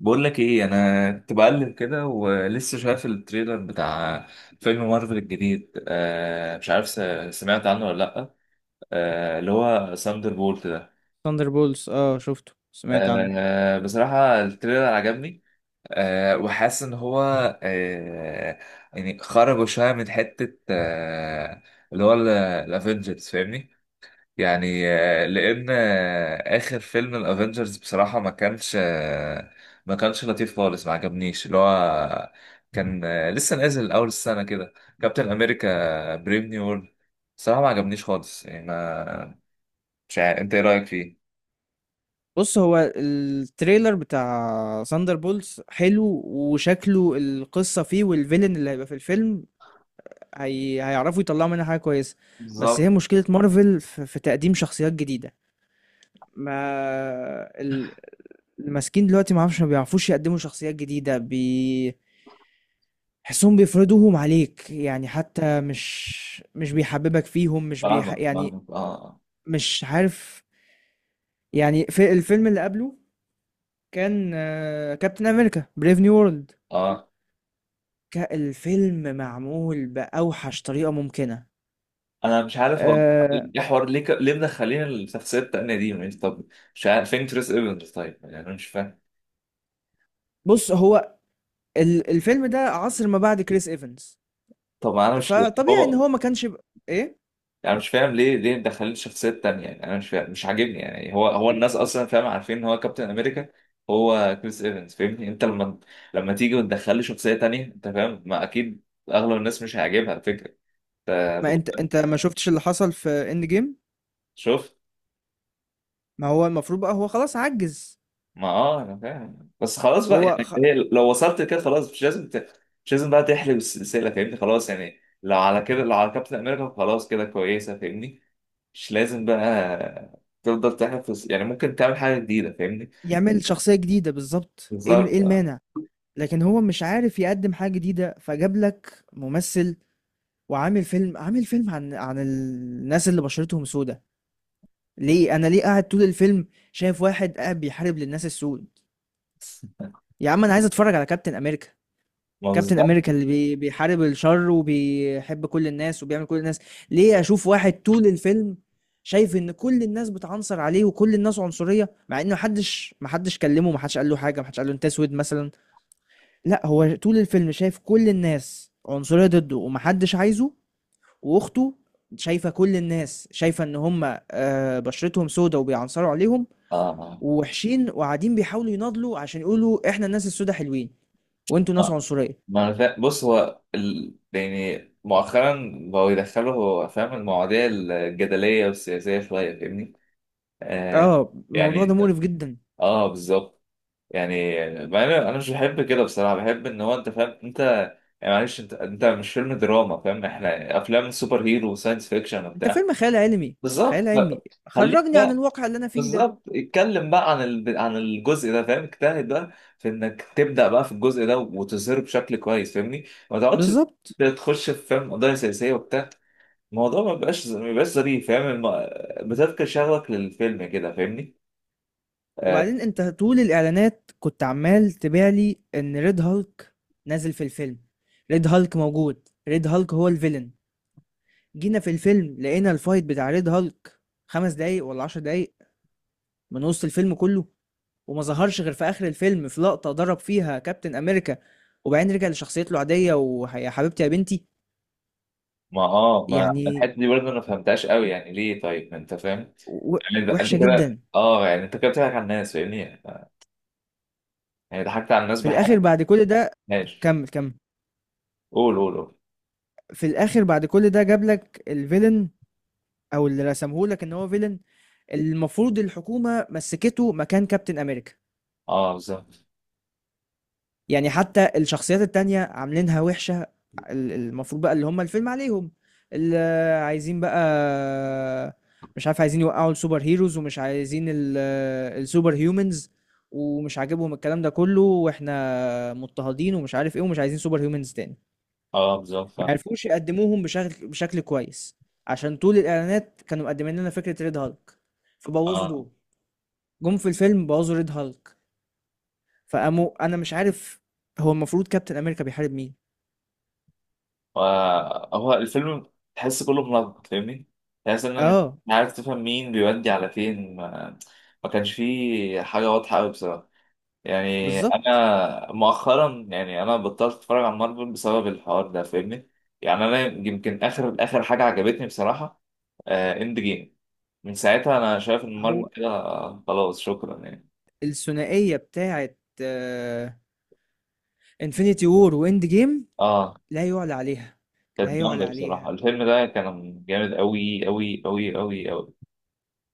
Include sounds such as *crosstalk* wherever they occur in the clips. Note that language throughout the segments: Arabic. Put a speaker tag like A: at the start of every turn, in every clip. A: بقول لك ايه، انا كنت بقلب كده ولسه شايف التريلر بتاع فيلم مارفل الجديد. مش عارف سمعت عنه ولا لا. اللي هو ساندر بولت ده.
B: ثاندر بولز، اه، شفته. سمعت عنه.
A: بصراحة التريلر عجبني. وحاسس ان هو آه يعني خرجوا شوية من حتة اللي هو الافنجرز، فاهمني؟ يعني، لان اخر فيلم الافنجرز بصراحه ما كانش لطيف خالص، ما عجبنيش. اللي هو كان، لسه نازل اول السنه كده، كابتن امريكا بريف نيو وورلد. بصراحه ما عجبنيش خالص، يعني ما مش عارف انت ايه رايك فيه.
B: بص، هو التريلر بتاع ثاندر بولز حلو، وشكله القصة فيه والفيلن اللي هيبقى في الفيلم هيعرفوا يطلعوا منها حاجة كويسة. بس
A: بالظبط.
B: هي مشكلة مارفل في تقديم شخصيات جديدة. ما ال- الماسكين دلوقتي ما عارفش ما بيعرفوش يقدموا شخصيات جديدة حسهم بيفرضوهم عليك، يعني حتى مش بيحببك فيهم، مش بيح...
A: فاهمك
B: يعني
A: فاهمك، اه
B: مش عارف. يعني في الفيلم اللي قبله كان كابتن امريكا بريف نيو وورلد.
A: اه،
B: الفيلم معمول باوحش طريقه ممكنه.
A: انا مش عارف. هو
B: آه،
A: ايه حوار، ليه مدخلين الشخصيه التانيه دي يعني؟ طب مش عارف فين تريس ايفنز؟ طيب، يعني انا مش فاهم.
B: بص، هو الفيلم ده عصر ما بعد كريس ايفنز،
A: طب انا مش
B: فطبيعي ان
A: هو
B: هو ما كانش ايه.
A: انا مش فاهم ليه مدخلين شخصيات تانية، يعني انا مش فاهم، مش عاجبني. يعني هو الناس اصلا، فاهم، عارفين ان هو كابتن امريكا، هو كريس ايفنز، فاهمني؟ انت لما تيجي وتدخل لي شخصية تانية، انت فاهم، ما اكيد اغلب الناس مش هيعجبها الفكرة. انت
B: ما انت
A: بتقول-
B: انت ما شفتش اللي حصل في اند جيم.
A: شوف.
B: ما هو المفروض بقى هو خلاص عجز.
A: ما انا فاهم، بس خلاص بقى.
B: فهو
A: يعني
B: خ...
A: هي لو وصلت كده خلاص، مش لازم بقى تحلب السلسلة، فاهمني؟ خلاص، يعني لو على كده، لو على كابتن امريكا خلاص كده كويسة، فاهمني؟ مش لازم بقى تفضل تحلب في يعني ممكن تعمل حاجة جديدة، فاهمني.
B: يعمل شخصيه جديده بالظبط. إيه
A: بالظبط.
B: المانع؟ لكن هو مش عارف يقدم حاجه جديده، فجاب لك ممثل وعامل فيلم عن الناس اللي بشرتهم سودة. ليه انا ليه قاعد طول الفيلم شايف واحد قاعد بيحارب للناس السود؟ يا عم، انا عايز اتفرج على كابتن امريكا.
A: ما
B: كابتن
A: بالظبط.
B: امريكا اللي بيحارب الشر وبيحب كل الناس وبيعمل كل الناس. ليه اشوف واحد طول الفيلم شايف ان كل الناس بتعنصر عليه وكل الناس عنصرية، مع ان محدش كلمه، محدش قال له حاجة، محدش قال له انت اسود مثلا؟ لا، هو طول الفيلم شايف كل الناس عنصرية ضده ومحدش عايزه. واخته شايفه كل الناس، شايفه ان هم بشرتهم سودة وبيعنصروا عليهم
A: اه،
B: ووحشين، وقاعدين بيحاولوا يناضلوا عشان يقولوا احنا الناس السودة حلوين وانتوا ناس
A: ما
B: عنصريه.
A: ما انا فا... بص، هو يعني مؤخرا بقوا يدخلوا، هو فاهم، المواضيع الجدلية والسياسية شوية، فاهمني. آه
B: اه، الموضوع ده
A: يعني.
B: مقرف جدا.
A: اه بالظبط. يعني، مع إن انا مش بحب كده بصراحة. بحب ان هو، انت فاهم، انت يعني معلش، انت مش فيلم دراما، فاهم؟ احنا افلام سوبر هيرو وساينس فيكشن
B: انت
A: وبتاع.
B: فيلم خيال علمي، خيال
A: بالظبط.
B: علمي،
A: خليك.
B: خرجني عن الواقع اللي انا فيه ده.
A: بالظبط، اتكلم بقى عن عن الجزء ده، فاهم؟ اجتهد بقى في انك تبدا بقى في الجزء ده وتظهره بشكل كويس، فاهمني. ما تقعدش
B: بالظبط.
A: تخش في، فاهم، قضايا سياسيه وبتاع. الموضوع ما بيبقاش ظريف، فاهم بتفقد شغفك للفيلم كده، فاهمني. آه
B: وبعدين انت طول الاعلانات كنت عمال تبيع لي ان ريد هالك نازل في الفيلم. ريد هالك موجود، ريد هالك هو الفيلن. جينا في الفيلم لقينا الفايت بتاع ريد هالك خمس دقايق ولا عشر دقايق من وسط الفيلم كله، وما ظهرش غير في اخر الفيلم في لقطة ضرب فيها كابتن امريكا، وبعدين رجع لشخصيته العادية ويا حبيبتي يا بنتي.
A: ما اه ما
B: يعني
A: الحته دي برضه انا ما فهمتهاش قوي، يعني ليه؟ طيب، ما انت فاهم.
B: و-
A: يعني، انت
B: وحشة
A: كده،
B: جدا.
A: اه يعني انت كده بتضحك على الناس، فاهمني؟ يعني ضحكت على الناس
B: في الاخر
A: بحاجه.
B: بعد كل ده.
A: ماشي.
B: كمل كمل.
A: قول قول قول.
B: في الاخر بعد كل ده جاب لك الفيلن، او اللي رسمه لك ان هو فيلن، المفروض الحكومة مسكته مكان كابتن امريكا.
A: اه بالظبط.
B: يعني حتى الشخصيات التانية عاملينها وحشة. ال- المفروض بقى اللي هم الفيلم عليهم، اللي عايزين بقى، مش عارف، عايزين يوقعوا السوبر هيروز ومش عايزين السوبر هيومنز، ومش عاجبهم الكلام ده كله، واحنا مضطهدين ومش عارف ايه، ومش عايزين سوبر هيومنز تاني.
A: اه بالظبط
B: ما
A: فاهم.
B: عرفوش يقدموهم بشكل كويس، عشان طول الاعلانات كانوا مقدمين لنا فكرة ريد هالك فبوظوا
A: اه.
B: دول. جم في الفيلم بوظوا ريد هالك فقاموا. انا مش عارف، هو المفروض كابتن امريكا بيحارب مين؟
A: هو الفيلم، تحس كله منظم، فاهمني. تحس ان مش
B: آه،
A: عارف تفهم مين بيودي على فين. ما كانش فيه حاجة واضحة قوي بصراحة. يعني
B: بالضبط.
A: انا مؤخرا، يعني انا بطلت اتفرج على مارفل بسبب الحوار ده، فاهمني. يعني انا يمكن اخر اخر حاجة عجبتني بصراحة اند جيم. من ساعتها انا شايف ان مارفل
B: هو
A: كده، خلاص شكرا يعني.
B: الثنائية بتاعة آآ Infinity War وEnd Game
A: اه
B: لا يُعلى عليها، لا
A: كانت
B: يُعلى
A: جامدة بصراحة،
B: عليها.
A: الفيلم ده كان جامد قوي قوي قوي قوي قوي.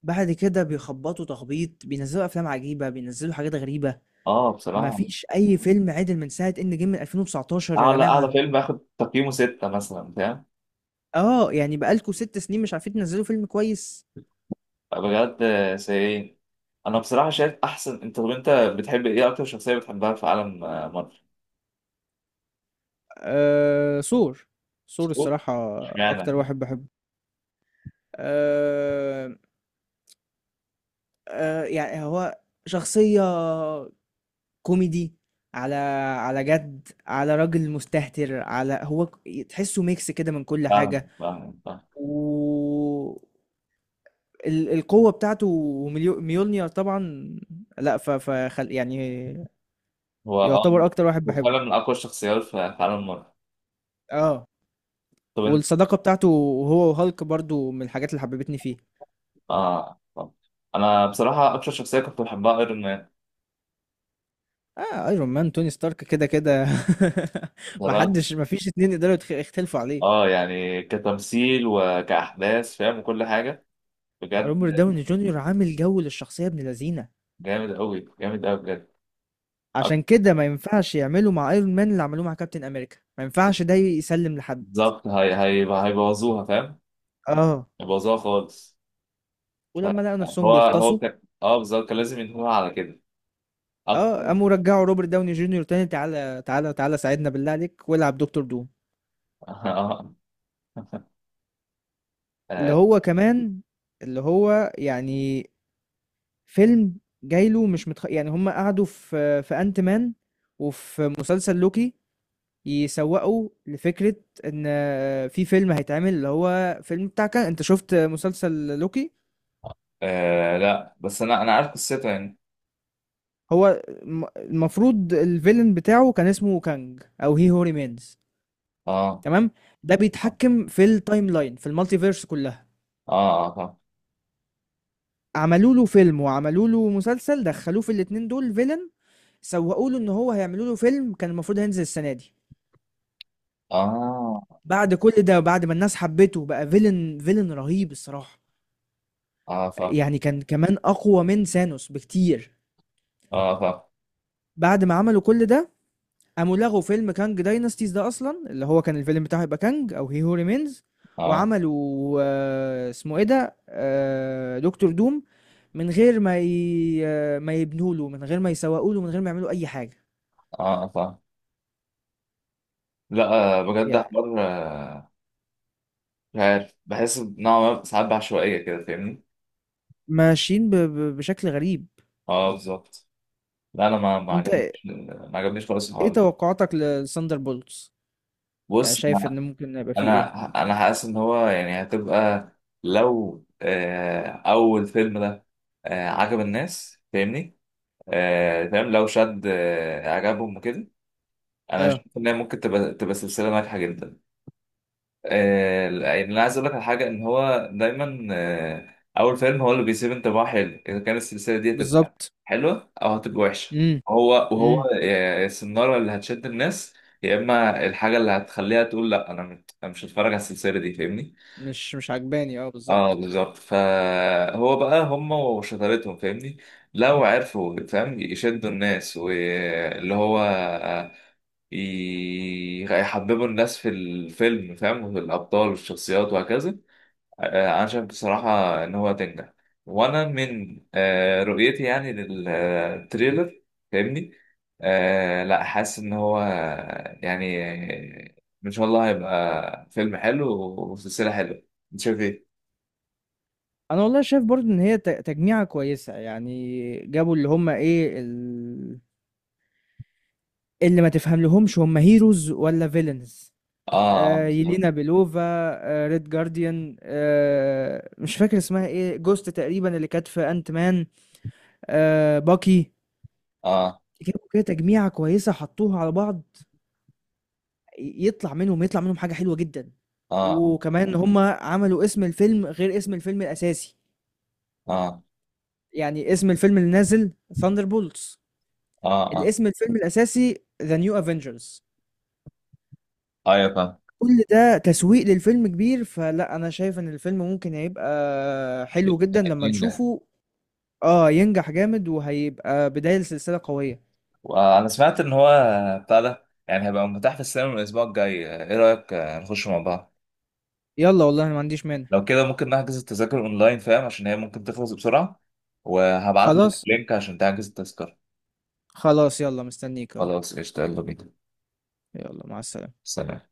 B: بعد كده بيخبّطوا تخبيط، بينزّلوا أفلام عجيبة، بينزّلوا حاجات غريبة،
A: اه
B: ما
A: بصراحة،
B: فيش أي فيلم عِدِل من ساعة End Game من 2019 يا
A: اعلى
B: جماعة.
A: اعلى فيلم اخد تقييمه 6 مثلا، فاهم.
B: يعني بقى لكم 6 سنين مش عارفين تنزّلوا فيلم كويس.
A: بجد سيئين. انا بصراحة شايف احسن. طب انت بتحب ايه، اكتر شخصية بتحبها في عالم مارفل؟
B: Thor، Thor
A: سكوت.
B: الصراحة أكتر
A: اشمعنى؟
B: واحد باحبه. آآ يعني هو شخصية كوميدي، على على جد، على راجل مستهتر، على هو تحسه ميكس كده من كل
A: فاهم
B: حاجة،
A: فاهم فاهم.
B: و القوة بتاعته وميليو- ميولنير طبعا. لا، يعني
A: هو اه
B: يعتبر اكتر واحد
A: هو
B: بحبه.
A: فعلا من اقوى الشخصيات في عالم مارفل.
B: اه،
A: طب انت
B: والصداقة بتاعته، هو وهالك، برضو من الحاجات اللي حببتني فيه.
A: اه طب. انا بصراحة اكتر شخصية كنت بحبها ايرون مان،
B: اه، ايرون مان، توني ستارك كده كده *laughs*
A: بصراحة.
B: محدش، مفيش اتنين يقدروا يختلفوا عليه.
A: اه يعني، كتمثيل وكأحداث، فاهم، وكل حاجة، بجد
B: روبرت داوني جونيور عامل جو للشخصية ابن لذينة.
A: جامد قوي جامد قوي بجد. أك-
B: عشان كده ما ينفعش يعملوا مع Iron Man اللي عملوه مع Captain America، ما ينفعش ده يسلِّم لحد.
A: بالظبط. هي هيبوظوها، فاهم.
B: آه،
A: باظها خالص. ف-
B: ولمّا لقوا نَفْسهم
A: هو
B: بيغطسوا،
A: كان، اه بالظبط، كان لازم ينهوها على كده اكتر.
B: قاموا رجّعوا Robert Downey Junior تاني: تعالَ، تعالَ، تعالَ، ساعدنا بالله عليك والعب دكتور دوم.
A: *laughs* آه.
B: اللي
A: آه.
B: هو كمان، اللي هو يعني فيلم جاي له مش متخ، يعني هم قعدوا في Ant Man وفي مسلسل لوكي يسوّقوا لفكرة إن في فيلم هيتعمل اللي هو فيلم بتاع ك، أنت شُفت مسلسل لوكي؟
A: آه. لا، بس انا عارف قصتها يعني.
B: هو المفروض الفيلن بتاعه كان اسمه كانج او هي هو ريمينز.
A: اه
B: تمام. ده
A: اه
B: بيتحكم في التايم لاين في المالتي فيرس كلها.
A: اه اه
B: عملوا له فيلم وعملوا له مسلسل، دخلوه في الاتنين دول فيلن، سوقوا له ان هو هيعملوا له فيلم كان المفروض هينزل السنه دي.
A: اه
B: بعد كل ده، بعد ما الناس حبته، بقى فيلن، فيلن رهيب الصراحه،
A: اه
B: يعني كان كمان اقوى من سانوس بكتير.
A: اه اه
B: بعد ما عملوا كل ده، قاموا لغوا فيلم كانج داينستيز ده اصلا اللي هو كان الفيلم بتاعه يبقى كانج او هي هو ريمينز.
A: فاهم.
B: وعملوا، اسمه ايه ده، دكتور دوم، من غير ما ي... آه، ما يبنوا له، من غير ما يسوقوا له، من غير ما يعملوا اي حاجه.
A: اه اه لا. بجد
B: يعني
A: حوار. مش عارف، بحس نوعا ما ساعات بعشوائية كده، فاهمني.
B: ماشيين بشكل غريب.
A: اه بالظبط. لا انا
B: انت
A: ما عجبنيش خالص
B: ايه
A: الحوار ده.
B: توقعاتك لساندر بولتس؟ يعني
A: بص،
B: شايف ان ممكن يبقى فيه
A: انا
B: ايه؟
A: حاسس ان هو يعني هتبقى، لو اول فيلم ده عجب الناس، فاهمني؟ فاهم، لو شد اعجابهم وكده. انا
B: اه،
A: شايف ان هي ممكن تبقى سلسله ناجحه جدا. يعني انا عايز اقول لك على حاجه، ان هو دايما اول فيلم هو اللي بيسيب انطباع حلو اذا كانت السلسله دي هتبقى
B: بالظبط.
A: حلوه او هتبقى وحشه.
B: امم.
A: هو
B: امم.
A: السناره اللي هتشد الناس، يا اما الحاجه اللي هتخليها تقول لا، انا مش أنا مش هتفرج على السلسله دي، فاهمني.
B: مش عجباني، اه
A: اه
B: بالظبط.
A: بالظبط. فهو بقى هم وشطارتهم، فاهمني. لو عرفوا، فاهم، يشدوا الناس واللي هو يحببوا الناس في الفيلم، فاهم، وفي الأبطال والشخصيات وهكذا. أنا شايف بصراحة إن هو هتنجح، وأنا من رؤيتي يعني للتريلر، فاهمني. لا، حاسس إن هو، يعني إن شاء الله هيبقى فيلم حلو وسلسلة حلوة. أنت شايف إيه؟
B: انا والله شايف برضو ان هي تجميعة كويسة، يعني جابوا اللي هم ايه اللي ما تفهم لهمش هم هيروز ولا فيلنز.
A: اه اه بالظبط.
B: يلينا بيلوفا، ريد جارديان، مش فاكر اسمها ايه، جوست تقريبا اللي كانت في انت مان، باكي.
A: اه
B: جابوا كده تجميعة كويسة، حطوها على بعض، يطلع منهم حاجة حلوة جدا.
A: اه
B: وكمان هم عملوا اسم الفيلم غير اسم الفيلم الاساسي،
A: اه
B: يعني اسم الفيلم اللي نازل ثاندر،
A: اه اه
B: الاسم الفيلم الاساسي ذا نيو افنجرز.
A: ايوه فاهم.
B: كل ده تسويق للفيلم كبير، فلا، انا شايف ان الفيلم ممكن هيبقى حلو جدا لما
A: ينجح.
B: نشوفه. اه، ينجح جامد وهيبقى بداية لسلسلة قوية.
A: وانا سمعت ان هو بتاع ده يعني هيبقى متاح في السينما من الاسبوع الجاي. ايه رايك نخش مع بعض؟
B: يلا والله انا ما عنديش مانع.
A: لو كده ممكن نحجز التذاكر اونلاين، فاهم، عشان هي ممكن تخلص بسرعه. وهبعت لك
B: خلاص.
A: لينك عشان تحجز التذكره.
B: خلاص، يلا، مستنيك اهو.
A: خلاص قشطه، يلا بينا.
B: يلا مع السلامة.
A: سلام.